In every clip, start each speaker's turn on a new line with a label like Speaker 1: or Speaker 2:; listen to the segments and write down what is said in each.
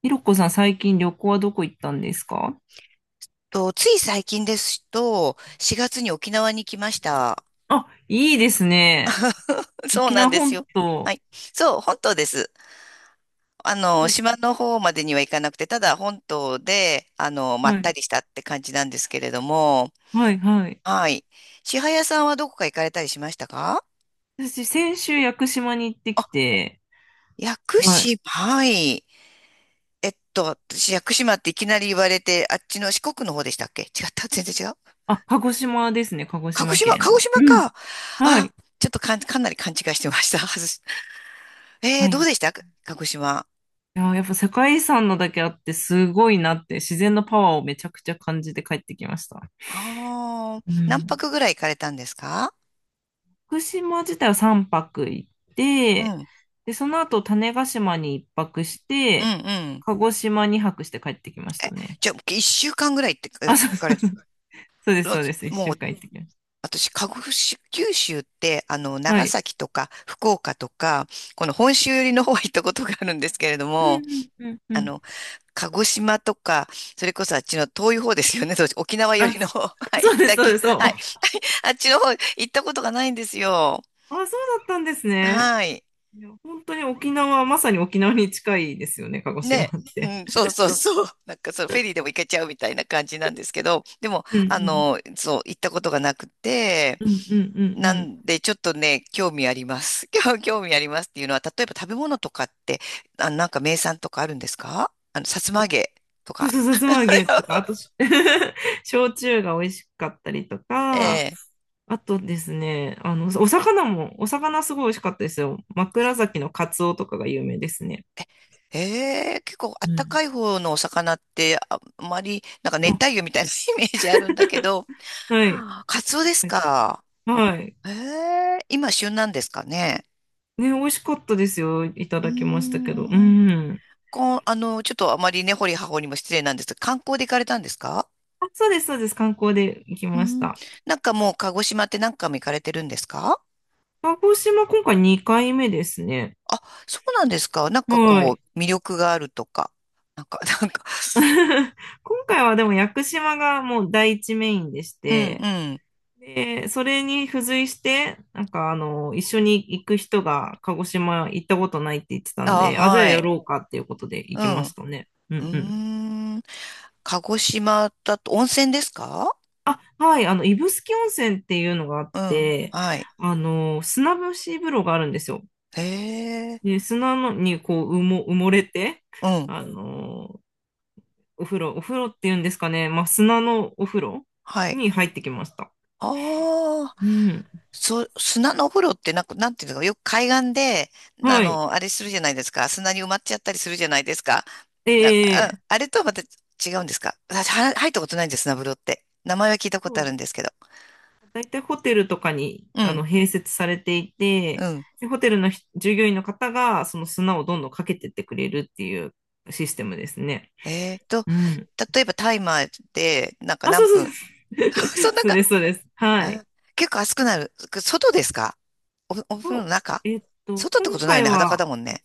Speaker 1: ひろこさん、最近旅行はどこ行ったんですか？
Speaker 2: つい最近ですと、4月に沖縄に来ました。
Speaker 1: あ、いいですね。
Speaker 2: そう
Speaker 1: 沖
Speaker 2: なん
Speaker 1: 縄
Speaker 2: です
Speaker 1: 本
Speaker 2: よ。は
Speaker 1: 島。
Speaker 2: い。そう、本島です。
Speaker 1: は
Speaker 2: 島の方までには行かなくて、ただ本島で、まった
Speaker 1: い。
Speaker 2: りしたって感じなんですけれども、
Speaker 1: はい、はい。
Speaker 2: はい。千早さんはどこか行かれたりしましたか？
Speaker 1: 私、先週、屋久島に行って
Speaker 2: あ、
Speaker 1: きて、
Speaker 2: 屋久
Speaker 1: はい。
Speaker 2: 島、はい。えっと、私、屋久島っていきなり言われて、あっちの四国の方でしたっけ？違った、全然違う。
Speaker 1: あ、鹿児島ですね、鹿児
Speaker 2: 鹿児
Speaker 1: 島
Speaker 2: 島、
Speaker 1: 県
Speaker 2: 鹿児
Speaker 1: の。
Speaker 2: 島
Speaker 1: うん。
Speaker 2: か。
Speaker 1: は
Speaker 2: あ、
Speaker 1: い。
Speaker 2: ちょっとかなり勘違いしてました。外。
Speaker 1: はい。
Speaker 2: どう
Speaker 1: い
Speaker 2: でしたか、鹿児島？
Speaker 1: や、やっぱ世界遺産のだけあって、すごいなって、自然のパワーをめちゃくちゃ感じて帰ってきました。
Speaker 2: ああ、
Speaker 1: う
Speaker 2: 何
Speaker 1: ん。
Speaker 2: 泊ぐらい行かれたんですか？
Speaker 1: 福島自体は3泊行っ
Speaker 2: うん、
Speaker 1: て、
Speaker 2: うん、
Speaker 1: で、その後種子島に1泊し
Speaker 2: う
Speaker 1: て、
Speaker 2: ん。
Speaker 1: 鹿児島に泊して帰ってきましたね。
Speaker 2: じゃあ、一週間ぐらいってえ
Speaker 1: あ、そ
Speaker 2: 行
Speaker 1: う
Speaker 2: か
Speaker 1: そ
Speaker 2: れ、
Speaker 1: うそう。そうで
Speaker 2: う
Speaker 1: す、
Speaker 2: わ、
Speaker 1: そうです。一
Speaker 2: もう、
Speaker 1: 週間行ってきまし
Speaker 2: 私、鹿児島、九州って、
Speaker 1: た。は
Speaker 2: 長
Speaker 1: い。
Speaker 2: 崎とか、福岡とか、この本州寄りの方は行ったことがあるんですけれど
Speaker 1: う
Speaker 2: も、
Speaker 1: んうんうんう
Speaker 2: あ
Speaker 1: ん。
Speaker 2: の、鹿児島とか、それこそあっちの遠い方ですよね、そう沖縄寄
Speaker 1: あ、
Speaker 2: りの方、はい、
Speaker 1: そうです、
Speaker 2: 北
Speaker 1: そ
Speaker 2: 九、
Speaker 1: うです、そ
Speaker 2: はい、
Speaker 1: う。
Speaker 2: あっちの方行ったことがないんですよ。
Speaker 1: あ、そうだったんですね。
Speaker 2: はい。
Speaker 1: いや、本当に沖縄、まさに沖縄に近いですよね、鹿児島っ
Speaker 2: ね、う
Speaker 1: て。
Speaker 2: ん、そうそうそう。なんかそう、フェリーでも行けちゃうみたいな感じなんですけど、でも、
Speaker 1: うん
Speaker 2: そう、行ったことがなくて、
Speaker 1: うんうんうんうんう
Speaker 2: な
Speaker 1: ん。
Speaker 2: んで、ちょっとね、興味あります。興味ありますっていうのは、例えば食べ物とかって、あ、なんか名産とかあるんですか？さつま揚げと
Speaker 1: そう
Speaker 2: か。
Speaker 1: そう、さつま揚げとか、あとし、焼酎が美味しかったりとか、
Speaker 2: ええ
Speaker 1: あとですね、あの、お魚すごい美味しかったですよ。枕崎のカツオとかが有名ですね。
Speaker 2: ええ、結構あ
Speaker 1: う
Speaker 2: った
Speaker 1: ん。
Speaker 2: かい方のお魚って、あ、あまり、なんか熱帯
Speaker 1: あ、
Speaker 2: 魚みたいな イメージあるんだけど、
Speaker 1: はい、
Speaker 2: カツオですか？
Speaker 1: はい。
Speaker 2: ええ、今旬なんですかね？
Speaker 1: ね、美味しかったですよ。いた
Speaker 2: うー
Speaker 1: だきましたけど。う
Speaker 2: ん観
Speaker 1: ん。
Speaker 2: 光、ちょっとあまりね、掘り葉掘りも失礼なんですが、観光で行かれたんですか？
Speaker 1: あ、そうです、そうです。観光で行き
Speaker 2: う
Speaker 1: まし
Speaker 2: ん。
Speaker 1: た。
Speaker 2: なんかもう、鹿児島って何回も行かれてるんですか？
Speaker 1: 鹿児島、今回2回目ですね。
Speaker 2: あ、そうなんですか。なんか
Speaker 1: は
Speaker 2: こ
Speaker 1: い。
Speaker 2: う、魅力があるとか。なんか、なんか、
Speaker 1: 今回はでも屋久島がもう第一メインでし
Speaker 2: うん
Speaker 1: て、
Speaker 2: うん。
Speaker 1: で、それに付随して、なんかあの、一緒に行く人が鹿児島行ったことないって言ってたん
Speaker 2: あ、
Speaker 1: で、あ、じゃあ
Speaker 2: は
Speaker 1: や
Speaker 2: い。
Speaker 1: ろうかっていうことで行
Speaker 2: う
Speaker 1: きま
Speaker 2: ん。
Speaker 1: し
Speaker 2: う
Speaker 1: たね。うんうん。
Speaker 2: ーん。鹿児島だと、温泉ですか？
Speaker 1: あ、はい、あの、指宿温泉っていうのがあっ
Speaker 2: うん。
Speaker 1: て、
Speaker 2: はい。
Speaker 1: あの、砂蒸し風呂があるんですよ。
Speaker 2: へえ。
Speaker 1: で、砂のにこう、埋もれて、
Speaker 2: うん。
Speaker 1: あの、お風呂、お風呂っていうんですかね、まあ、砂のお風呂
Speaker 2: はい。
Speaker 1: に入ってきました。
Speaker 2: あ、
Speaker 1: うん。
Speaker 2: そう、砂のお風呂ってなんか、なんていうのか、よく海岸で、
Speaker 1: はい。
Speaker 2: あれするじゃないですか。砂に埋まっちゃったりするじゃないですか。あ、
Speaker 1: え
Speaker 2: あれとはまた違うんですか？私、は入ったことないんです、砂風呂って。名前は聞いたことあるんで
Speaker 1: ー
Speaker 2: すけど。
Speaker 1: 大体ホテルとかに
Speaker 2: う
Speaker 1: あ
Speaker 2: ん、
Speaker 1: の併設されてい
Speaker 2: う
Speaker 1: て、
Speaker 2: ん。
Speaker 1: でホテルの従業員の方がその砂をどんどんかけてってくれるっていうシステムですね。
Speaker 2: えーと、
Speaker 1: うん。
Speaker 2: 例えばタイマーで、なんか
Speaker 1: あ、そ
Speaker 2: 何
Speaker 1: う
Speaker 2: 分？
Speaker 1: そうそ う。
Speaker 2: そんな
Speaker 1: そう
Speaker 2: か、
Speaker 1: です、そうです。は
Speaker 2: あ、
Speaker 1: い。
Speaker 2: 結構熱くなる。外ですか？お風呂
Speaker 1: と、
Speaker 2: の中？
Speaker 1: えっと、
Speaker 2: 外ってこ
Speaker 1: 今
Speaker 2: とないよ
Speaker 1: 回
Speaker 2: ね。裸だ
Speaker 1: は、
Speaker 2: もんね。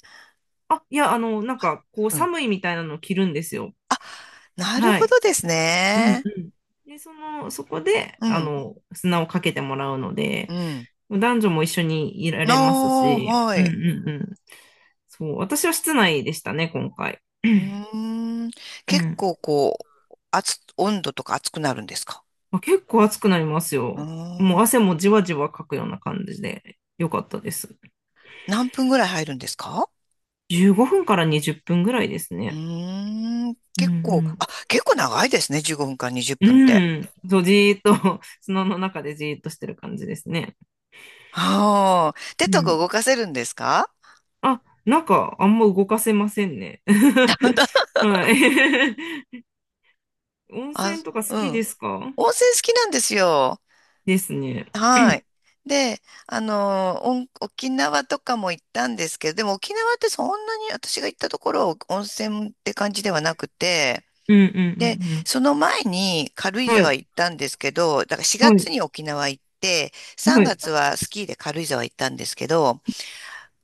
Speaker 1: あ、いや、あの、なんか、こう、
Speaker 2: うん。
Speaker 1: 寒いみたいなのを着るんですよ。
Speaker 2: なる
Speaker 1: は
Speaker 2: ほ
Speaker 1: い。
Speaker 2: どです
Speaker 1: うんう
Speaker 2: ね。
Speaker 1: ん。で、その、そこで、
Speaker 2: う
Speaker 1: あ
Speaker 2: ん、
Speaker 1: の、砂をかけてもらうの
Speaker 2: う
Speaker 1: で、
Speaker 2: ん。
Speaker 1: 男女も一緒にいら
Speaker 2: あ
Speaker 1: れます
Speaker 2: あ、
Speaker 1: し、
Speaker 2: は
Speaker 1: うん
Speaker 2: い。
Speaker 1: うんうん。そう、私は室内でしたね、今回。
Speaker 2: う ーん。
Speaker 1: う
Speaker 2: 結
Speaker 1: ん。
Speaker 2: 構こう、温度とか熱くなるんですか？
Speaker 1: まあ、結構暑くなります
Speaker 2: うー
Speaker 1: よ。も
Speaker 2: ん。
Speaker 1: う汗もじわじわかくような感じで、よかったです。
Speaker 2: 何分ぐらい入るんですか？
Speaker 1: 15分から20分ぐらいです
Speaker 2: う
Speaker 1: ね。
Speaker 2: ーん。
Speaker 1: う
Speaker 2: 結構、
Speaker 1: ん
Speaker 2: あ、結構長いですね。15分から20
Speaker 1: う
Speaker 2: 分っぷんって。
Speaker 1: ん。うん。そう、じーっと、砂の中でじーっとしてる感じですね。
Speaker 2: ああ。手
Speaker 1: う
Speaker 2: とか
Speaker 1: ん。
Speaker 2: 動かせるんですか？
Speaker 1: あ、なんか、あんま動かせませんね。
Speaker 2: 本当？
Speaker 1: はい。温
Speaker 2: あ、
Speaker 1: 泉とか好
Speaker 2: う
Speaker 1: きで
Speaker 2: ん。
Speaker 1: すか？
Speaker 2: 温泉好きなんですよ。
Speaker 1: ですね。
Speaker 2: はい。で、沖縄とかも行ったんですけど、でも沖縄ってそんなに私が行ったところは温泉って感じではなくて、
Speaker 1: うんう
Speaker 2: で、
Speaker 1: んう
Speaker 2: その前に軽
Speaker 1: ん
Speaker 2: 井
Speaker 1: うん。は
Speaker 2: 沢行っ
Speaker 1: い。
Speaker 2: たんですけど、だから4
Speaker 1: は
Speaker 2: 月
Speaker 1: い。
Speaker 2: に沖縄行って、3
Speaker 1: はい。
Speaker 2: 月はスキーで軽井沢行ったんですけど、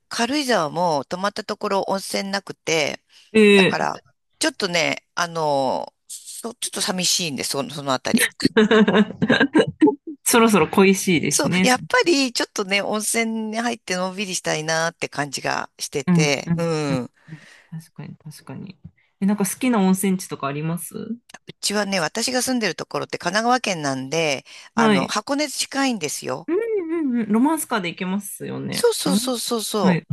Speaker 2: 軽井沢も泊まったところ温泉なくて、
Speaker 1: え
Speaker 2: だから、
Speaker 1: え。
Speaker 2: ちょっとね、ちょっと寂しいんです、その、そのあたり。
Speaker 1: そろそろ恋しいで
Speaker 2: そ
Speaker 1: す
Speaker 2: う、
Speaker 1: ね。
Speaker 2: やっぱりちょっとね、温泉に入ってのんびりしたいなって感じがして
Speaker 1: うん、うん、
Speaker 2: て、
Speaker 1: う
Speaker 2: う
Speaker 1: ん。う
Speaker 2: ん。
Speaker 1: ん、
Speaker 2: う
Speaker 1: 確かに、確かに。え、なんか好きな温泉地とかあります？
Speaker 2: ちはね、私が住んでるところって神奈川県なんで、
Speaker 1: はい。
Speaker 2: 箱根近いんですよ。
Speaker 1: うん、うん、うん。ロマンスカーで行けますよ
Speaker 2: そ
Speaker 1: ね。
Speaker 2: うそ
Speaker 1: ロ
Speaker 2: う
Speaker 1: マン
Speaker 2: そ
Speaker 1: ス
Speaker 2: うそう
Speaker 1: カー。は
Speaker 2: そ
Speaker 1: い、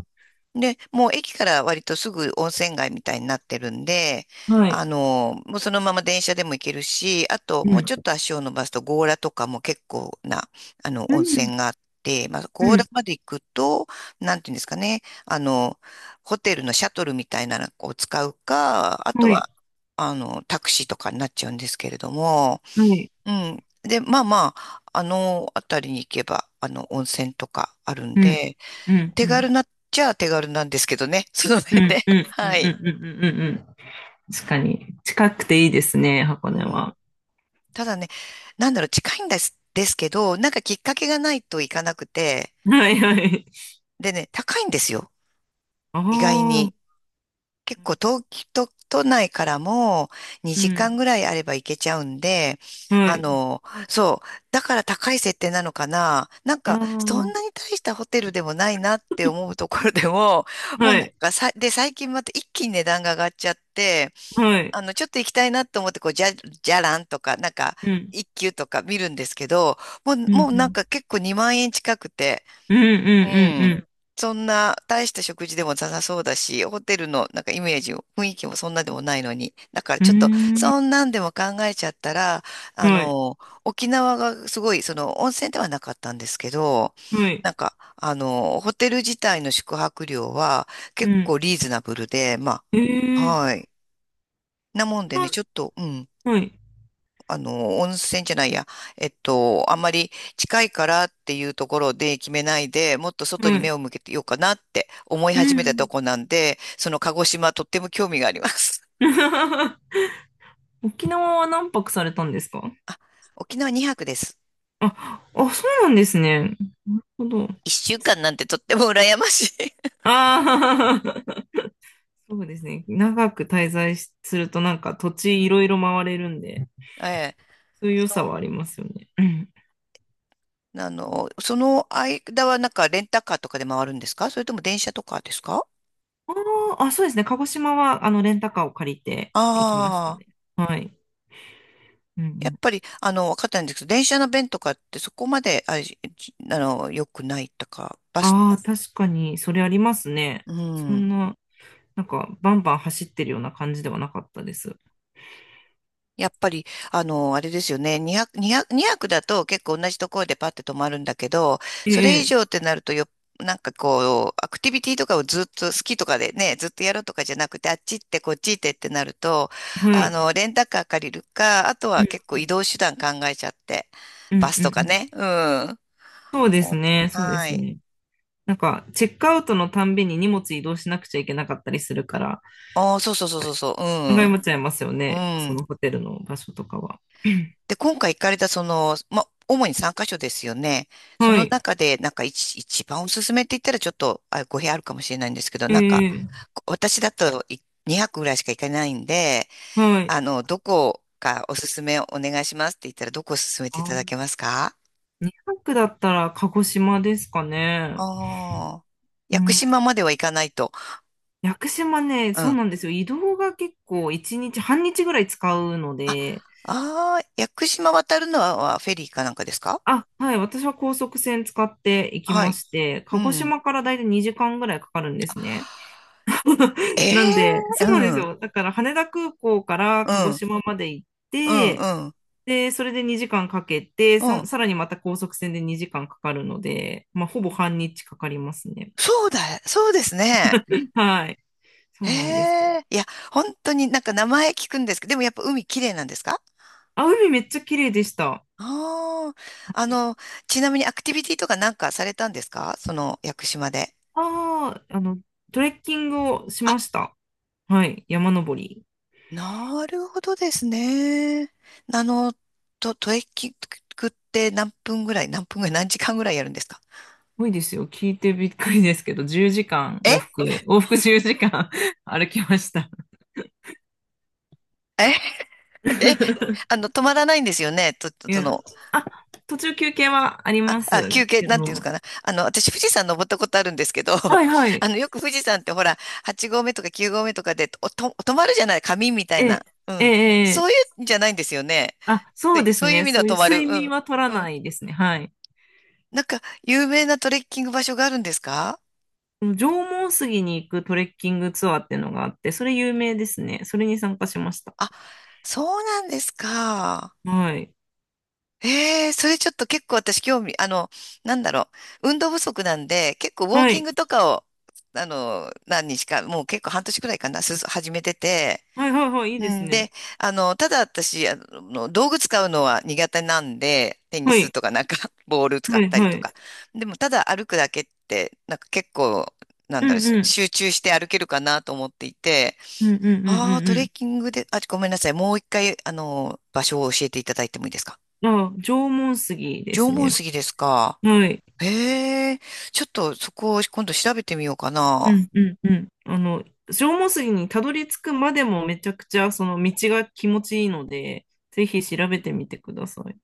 Speaker 2: う。で、もう駅から割とすぐ温泉街みたいになってるんで、
Speaker 1: はい。
Speaker 2: もうそのまま電車でも行けるし、あと
Speaker 1: う
Speaker 2: もう
Speaker 1: ん、
Speaker 2: ちょっと足を伸ばすと強羅とかも結構な、
Speaker 1: う
Speaker 2: 温
Speaker 1: ん、
Speaker 2: 泉があって、まあ、
Speaker 1: う
Speaker 2: 強羅
Speaker 1: ん。
Speaker 2: まで行くと、なんていうんですかね、ホテルのシャトルみたいなのを使うか、あと
Speaker 1: はい、
Speaker 2: は、タクシーとかになっちゃうんですけれども、
Speaker 1: はい。
Speaker 2: うん。で、まあまあ、あの辺りに行けば、温泉とかあるん
Speaker 1: うん、
Speaker 2: で、
Speaker 1: うん、
Speaker 2: 手
Speaker 1: うん、
Speaker 2: 軽なっちゃ手軽なんですけどね。その
Speaker 1: う
Speaker 2: 辺
Speaker 1: ん、
Speaker 2: で。
Speaker 1: う ん、うん、う
Speaker 2: は
Speaker 1: ん、うん、
Speaker 2: い。
Speaker 1: うん。うん、確かに。近くていいですね、箱
Speaker 2: う
Speaker 1: 根
Speaker 2: ん。
Speaker 1: は。
Speaker 2: ただね、なんだろう、近いんですけど、なんかきっかけがないといかなくて、
Speaker 1: はい、はい。
Speaker 2: でね、高いんですよ。
Speaker 1: あ
Speaker 2: 意外に。
Speaker 1: あ。
Speaker 2: 結構東京都、都内からも
Speaker 1: う
Speaker 2: 2時間ぐ
Speaker 1: ん。
Speaker 2: らいあれば行けちゃうんで、
Speaker 1: は
Speaker 2: あ
Speaker 1: い。
Speaker 2: の、そう、だから高い設定なのかな。なん
Speaker 1: あ
Speaker 2: か、そんな
Speaker 1: あ。
Speaker 2: に大したホテルでもないなって思うところでも、もうな
Speaker 1: は
Speaker 2: ん
Speaker 1: い。
Speaker 2: かさ、で、最近また一気に値段が上がっちゃって、
Speaker 1: はい。
Speaker 2: ちょっと行きたいなと思って、こう、じゃらんとか、なんか、
Speaker 1: うん。
Speaker 2: 一級とか見るんですけど、もう、
Speaker 1: うん、う
Speaker 2: もうなん
Speaker 1: ん、
Speaker 2: か結構2万円近くて、
Speaker 1: うんう
Speaker 2: うん。
Speaker 1: ん
Speaker 2: そんな、大した食事でもなさそうだし、ホテルのなんかイメージを、雰囲気もそんなでもないのに。だから
Speaker 1: う
Speaker 2: ちょっと、
Speaker 1: んうん。う
Speaker 2: そんなんでも考えちゃったら、
Speaker 1: ー
Speaker 2: あ
Speaker 1: ん。はい。
Speaker 2: の、沖縄がすごい、その、温泉ではなかったんですけど、
Speaker 1: はい。
Speaker 2: なんか、ホテル自体の宿泊料は
Speaker 1: う
Speaker 2: 結
Speaker 1: ん。
Speaker 2: 構リーズナブルで、ま
Speaker 1: え
Speaker 2: あ、
Speaker 1: ー。
Speaker 2: はい。なもんでね、
Speaker 1: な
Speaker 2: ちょっと、うん。
Speaker 1: はい。
Speaker 2: 温泉じゃないや、あんまり近いからっていうところで決めないで、もっと外に
Speaker 1: は
Speaker 2: 目
Speaker 1: い。
Speaker 2: を向けてようかなって思い
Speaker 1: う
Speaker 2: 始めたと
Speaker 1: ん。
Speaker 2: こなんで、その鹿児島とっても興味があります。
Speaker 1: 沖縄は何泊されたんですか？
Speaker 2: 沖縄2泊です。
Speaker 1: あ、あ、そうなんですね。なるほど。
Speaker 2: 1週間なんてとっても羨ましい。
Speaker 1: ああ。そうですね。長く滞在しするとなんか土地いろいろ回れるんで、
Speaker 2: ええ。
Speaker 1: そういう良
Speaker 2: あ
Speaker 1: さは
Speaker 2: の、
Speaker 1: ありますよね。うん。
Speaker 2: その間はなんかレンタカーとかで回るんですか？それとも電車とかですか？
Speaker 1: あーあ、そうですね。鹿児島はあのレンタカーを借りて行きました
Speaker 2: あ
Speaker 1: ね。
Speaker 2: あ、
Speaker 1: はい。うんう
Speaker 2: やっ
Speaker 1: ん。
Speaker 2: ぱり、わかったんですけど、電車の便とかってそこまで、あ、じあの、良くないとか、バス、
Speaker 1: ああ、確かに、それありますね。
Speaker 2: う
Speaker 1: そ
Speaker 2: ん。
Speaker 1: んな、なんか、バンバン走ってるような感じではなかったです。
Speaker 2: やっぱり、あれですよね。200、200、にひゃくだと結構同じところでパッて止まるんだけど、
Speaker 1: え
Speaker 2: それ以
Speaker 1: え、
Speaker 2: 上ってなるとよ、なんかこう、アクティビティとかをずっと好きとかでね、ずっとやるとかじゃなくて、あっち行ってこっち行ってってなると、
Speaker 1: はい。
Speaker 2: レンタカー借りるか、あと
Speaker 1: う
Speaker 2: は
Speaker 1: ん、
Speaker 2: 結構移動手段考えちゃって、
Speaker 1: う
Speaker 2: バ
Speaker 1: ん、
Speaker 2: ス
Speaker 1: うん。
Speaker 2: と
Speaker 1: う
Speaker 2: か
Speaker 1: ん、
Speaker 2: ね。うん。
Speaker 1: そうです
Speaker 2: お
Speaker 1: ね、そうで
Speaker 2: は
Speaker 1: す
Speaker 2: い。
Speaker 1: ね。なんか、チェックアウトのたんびに荷物移動しなくちゃいけなかったりするから、
Speaker 2: ああ、そうそうそうそうそう。
Speaker 1: 考えもちゃいますよ
Speaker 2: う
Speaker 1: ね、
Speaker 2: ん。う
Speaker 1: そ
Speaker 2: ん。
Speaker 1: のホテルの場所とかは。
Speaker 2: で、今回行かれたその、ま、主に3カ所ですよね。そ
Speaker 1: は
Speaker 2: の
Speaker 1: い。
Speaker 2: 中で、なんか一番おすすめって言ったらちょっと、あ、語弊あるかもしれないんですけど、
Speaker 1: え
Speaker 2: なんか、
Speaker 1: え、
Speaker 2: 私だとい2泊ぐらいしか行かないんで、
Speaker 1: はい。
Speaker 2: どこかおすすめお願いしますって言ったら、どこを勧めてい
Speaker 1: あ
Speaker 2: た
Speaker 1: ー、
Speaker 2: だけますか？
Speaker 1: 2泊だったら鹿児島ですかね。
Speaker 2: ああー、
Speaker 1: う
Speaker 2: 屋久
Speaker 1: ん。
Speaker 2: 島までは行かないと。
Speaker 1: 屋久島ね、
Speaker 2: うん。
Speaker 1: そう
Speaker 2: あ、
Speaker 1: なんですよ。移動が結構1日、半日ぐらい使うので、
Speaker 2: ああ、屋久島渡るのは、フェリーかなんかですか？
Speaker 1: あ、はい。私は高速船使って行き
Speaker 2: は
Speaker 1: ま
Speaker 2: い。
Speaker 1: して、
Speaker 2: う
Speaker 1: 鹿児
Speaker 2: ん。
Speaker 1: 島からだいたい2時間ぐらいかかるんですね。
Speaker 2: え
Speaker 1: なんで、
Speaker 2: え、
Speaker 1: そ
Speaker 2: う
Speaker 1: うなんです
Speaker 2: ん。
Speaker 1: よ。だから羽田空港から
Speaker 2: う
Speaker 1: 鹿児
Speaker 2: ん。
Speaker 1: 島まで行っ
Speaker 2: うん。
Speaker 1: て、
Speaker 2: うん。
Speaker 1: で、それで2時間かけて、
Speaker 2: う
Speaker 1: さ、
Speaker 2: ん。
Speaker 1: さらにまた高速船で2時間かかるので、まあ、ほぼ半日かかりますね。
Speaker 2: そうだ、そうですね。
Speaker 1: はい。そ
Speaker 2: へ
Speaker 1: うなんですよ。
Speaker 2: え、いや、本当になんか名前聞くんですけど、でもやっぱ海綺麗なんですか？
Speaker 1: あ、海めっちゃ綺麗でした。
Speaker 2: ああー、あの、ちなみにアクティビティとかなんかされたんですか、その屋久島で。
Speaker 1: ああ、あの、トレッキングをし
Speaker 2: あ、
Speaker 1: ました。はい。山登り。
Speaker 2: なるほどですね。あの、トレッキングって何分ぐらい、何分ぐらい、何時間ぐらいやるんですか？
Speaker 1: ごいですよ。聞いてびっくりですけど、10時間往
Speaker 2: え
Speaker 1: 復、往復10時間 歩きました。
Speaker 2: え、え、止まらないんですよね。
Speaker 1: い
Speaker 2: そ
Speaker 1: や、
Speaker 2: の、
Speaker 1: あ、途中休憩はあり
Speaker 2: あ、
Speaker 1: ま
Speaker 2: あ、
Speaker 1: す
Speaker 2: 休憩、
Speaker 1: け
Speaker 2: なんていうの
Speaker 1: ど。
Speaker 2: かな。私、富士山登ったことあるんですけど、
Speaker 1: は いはい。
Speaker 2: よく富士山ってほら、8合目とか9合目とかで、止まるじゃない、紙みたい
Speaker 1: え
Speaker 2: な。
Speaker 1: え、
Speaker 2: う
Speaker 1: ええ、
Speaker 2: ん。そ
Speaker 1: え
Speaker 2: うい
Speaker 1: え、
Speaker 2: うんじゃないんですよね。
Speaker 1: あ、そ
Speaker 2: と
Speaker 1: う
Speaker 2: い
Speaker 1: で
Speaker 2: う、
Speaker 1: す
Speaker 2: そういう意
Speaker 1: ね。
Speaker 2: 味で
Speaker 1: そ
Speaker 2: は
Speaker 1: ういう
Speaker 2: 止まる。
Speaker 1: 睡
Speaker 2: う
Speaker 1: 眠
Speaker 2: ん。
Speaker 1: は取ら
Speaker 2: う
Speaker 1: な
Speaker 2: ん。
Speaker 1: いですね。はい。
Speaker 2: なんか、有名なトレッキング場所があるんですか？
Speaker 1: 縄文杉に行くトレッキングツアーっていうのがあって、それ有名ですね。それに参加しました。
Speaker 2: あ、そうなんですか。
Speaker 1: はい。
Speaker 2: ええ、それちょっと結構私興味、なんだろう。運動不足なんで、結構ウォー
Speaker 1: は
Speaker 2: キン
Speaker 1: い。
Speaker 2: グとかを、何日か、もう結構半年くらいかな、始めてて、
Speaker 1: はいはいはい。いい
Speaker 2: う
Speaker 1: です
Speaker 2: ん、
Speaker 1: ね。
Speaker 2: で、ただ私、道具使うのは苦手なんで、テニ
Speaker 1: は
Speaker 2: ス
Speaker 1: い。
Speaker 2: とかなんか、ボール使
Speaker 1: は
Speaker 2: っ
Speaker 1: い
Speaker 2: たり
Speaker 1: は
Speaker 2: と
Speaker 1: い。
Speaker 2: か。でも、ただ歩くだけって、なんか結構、なん
Speaker 1: う
Speaker 2: だろう、
Speaker 1: んうん。
Speaker 2: 集中して歩けるかなと思っていて、
Speaker 1: うんうんうん
Speaker 2: ああ、ト
Speaker 1: う
Speaker 2: レ
Speaker 1: ん。
Speaker 2: ッキングで、あ、ごめんなさい。もう一回、場所を教えていただいてもいいですか？
Speaker 1: あ、縄文杉で
Speaker 2: 縄
Speaker 1: すね。
Speaker 2: 文杉ですか？
Speaker 1: はい。
Speaker 2: へえ、ちょっとそこを今度調べてみようか
Speaker 1: う
Speaker 2: な。
Speaker 1: んうんうん。あの、縄文杉にたどり着くまでもめちゃくちゃその道が気持ちいいので、ぜひ調べてみてください。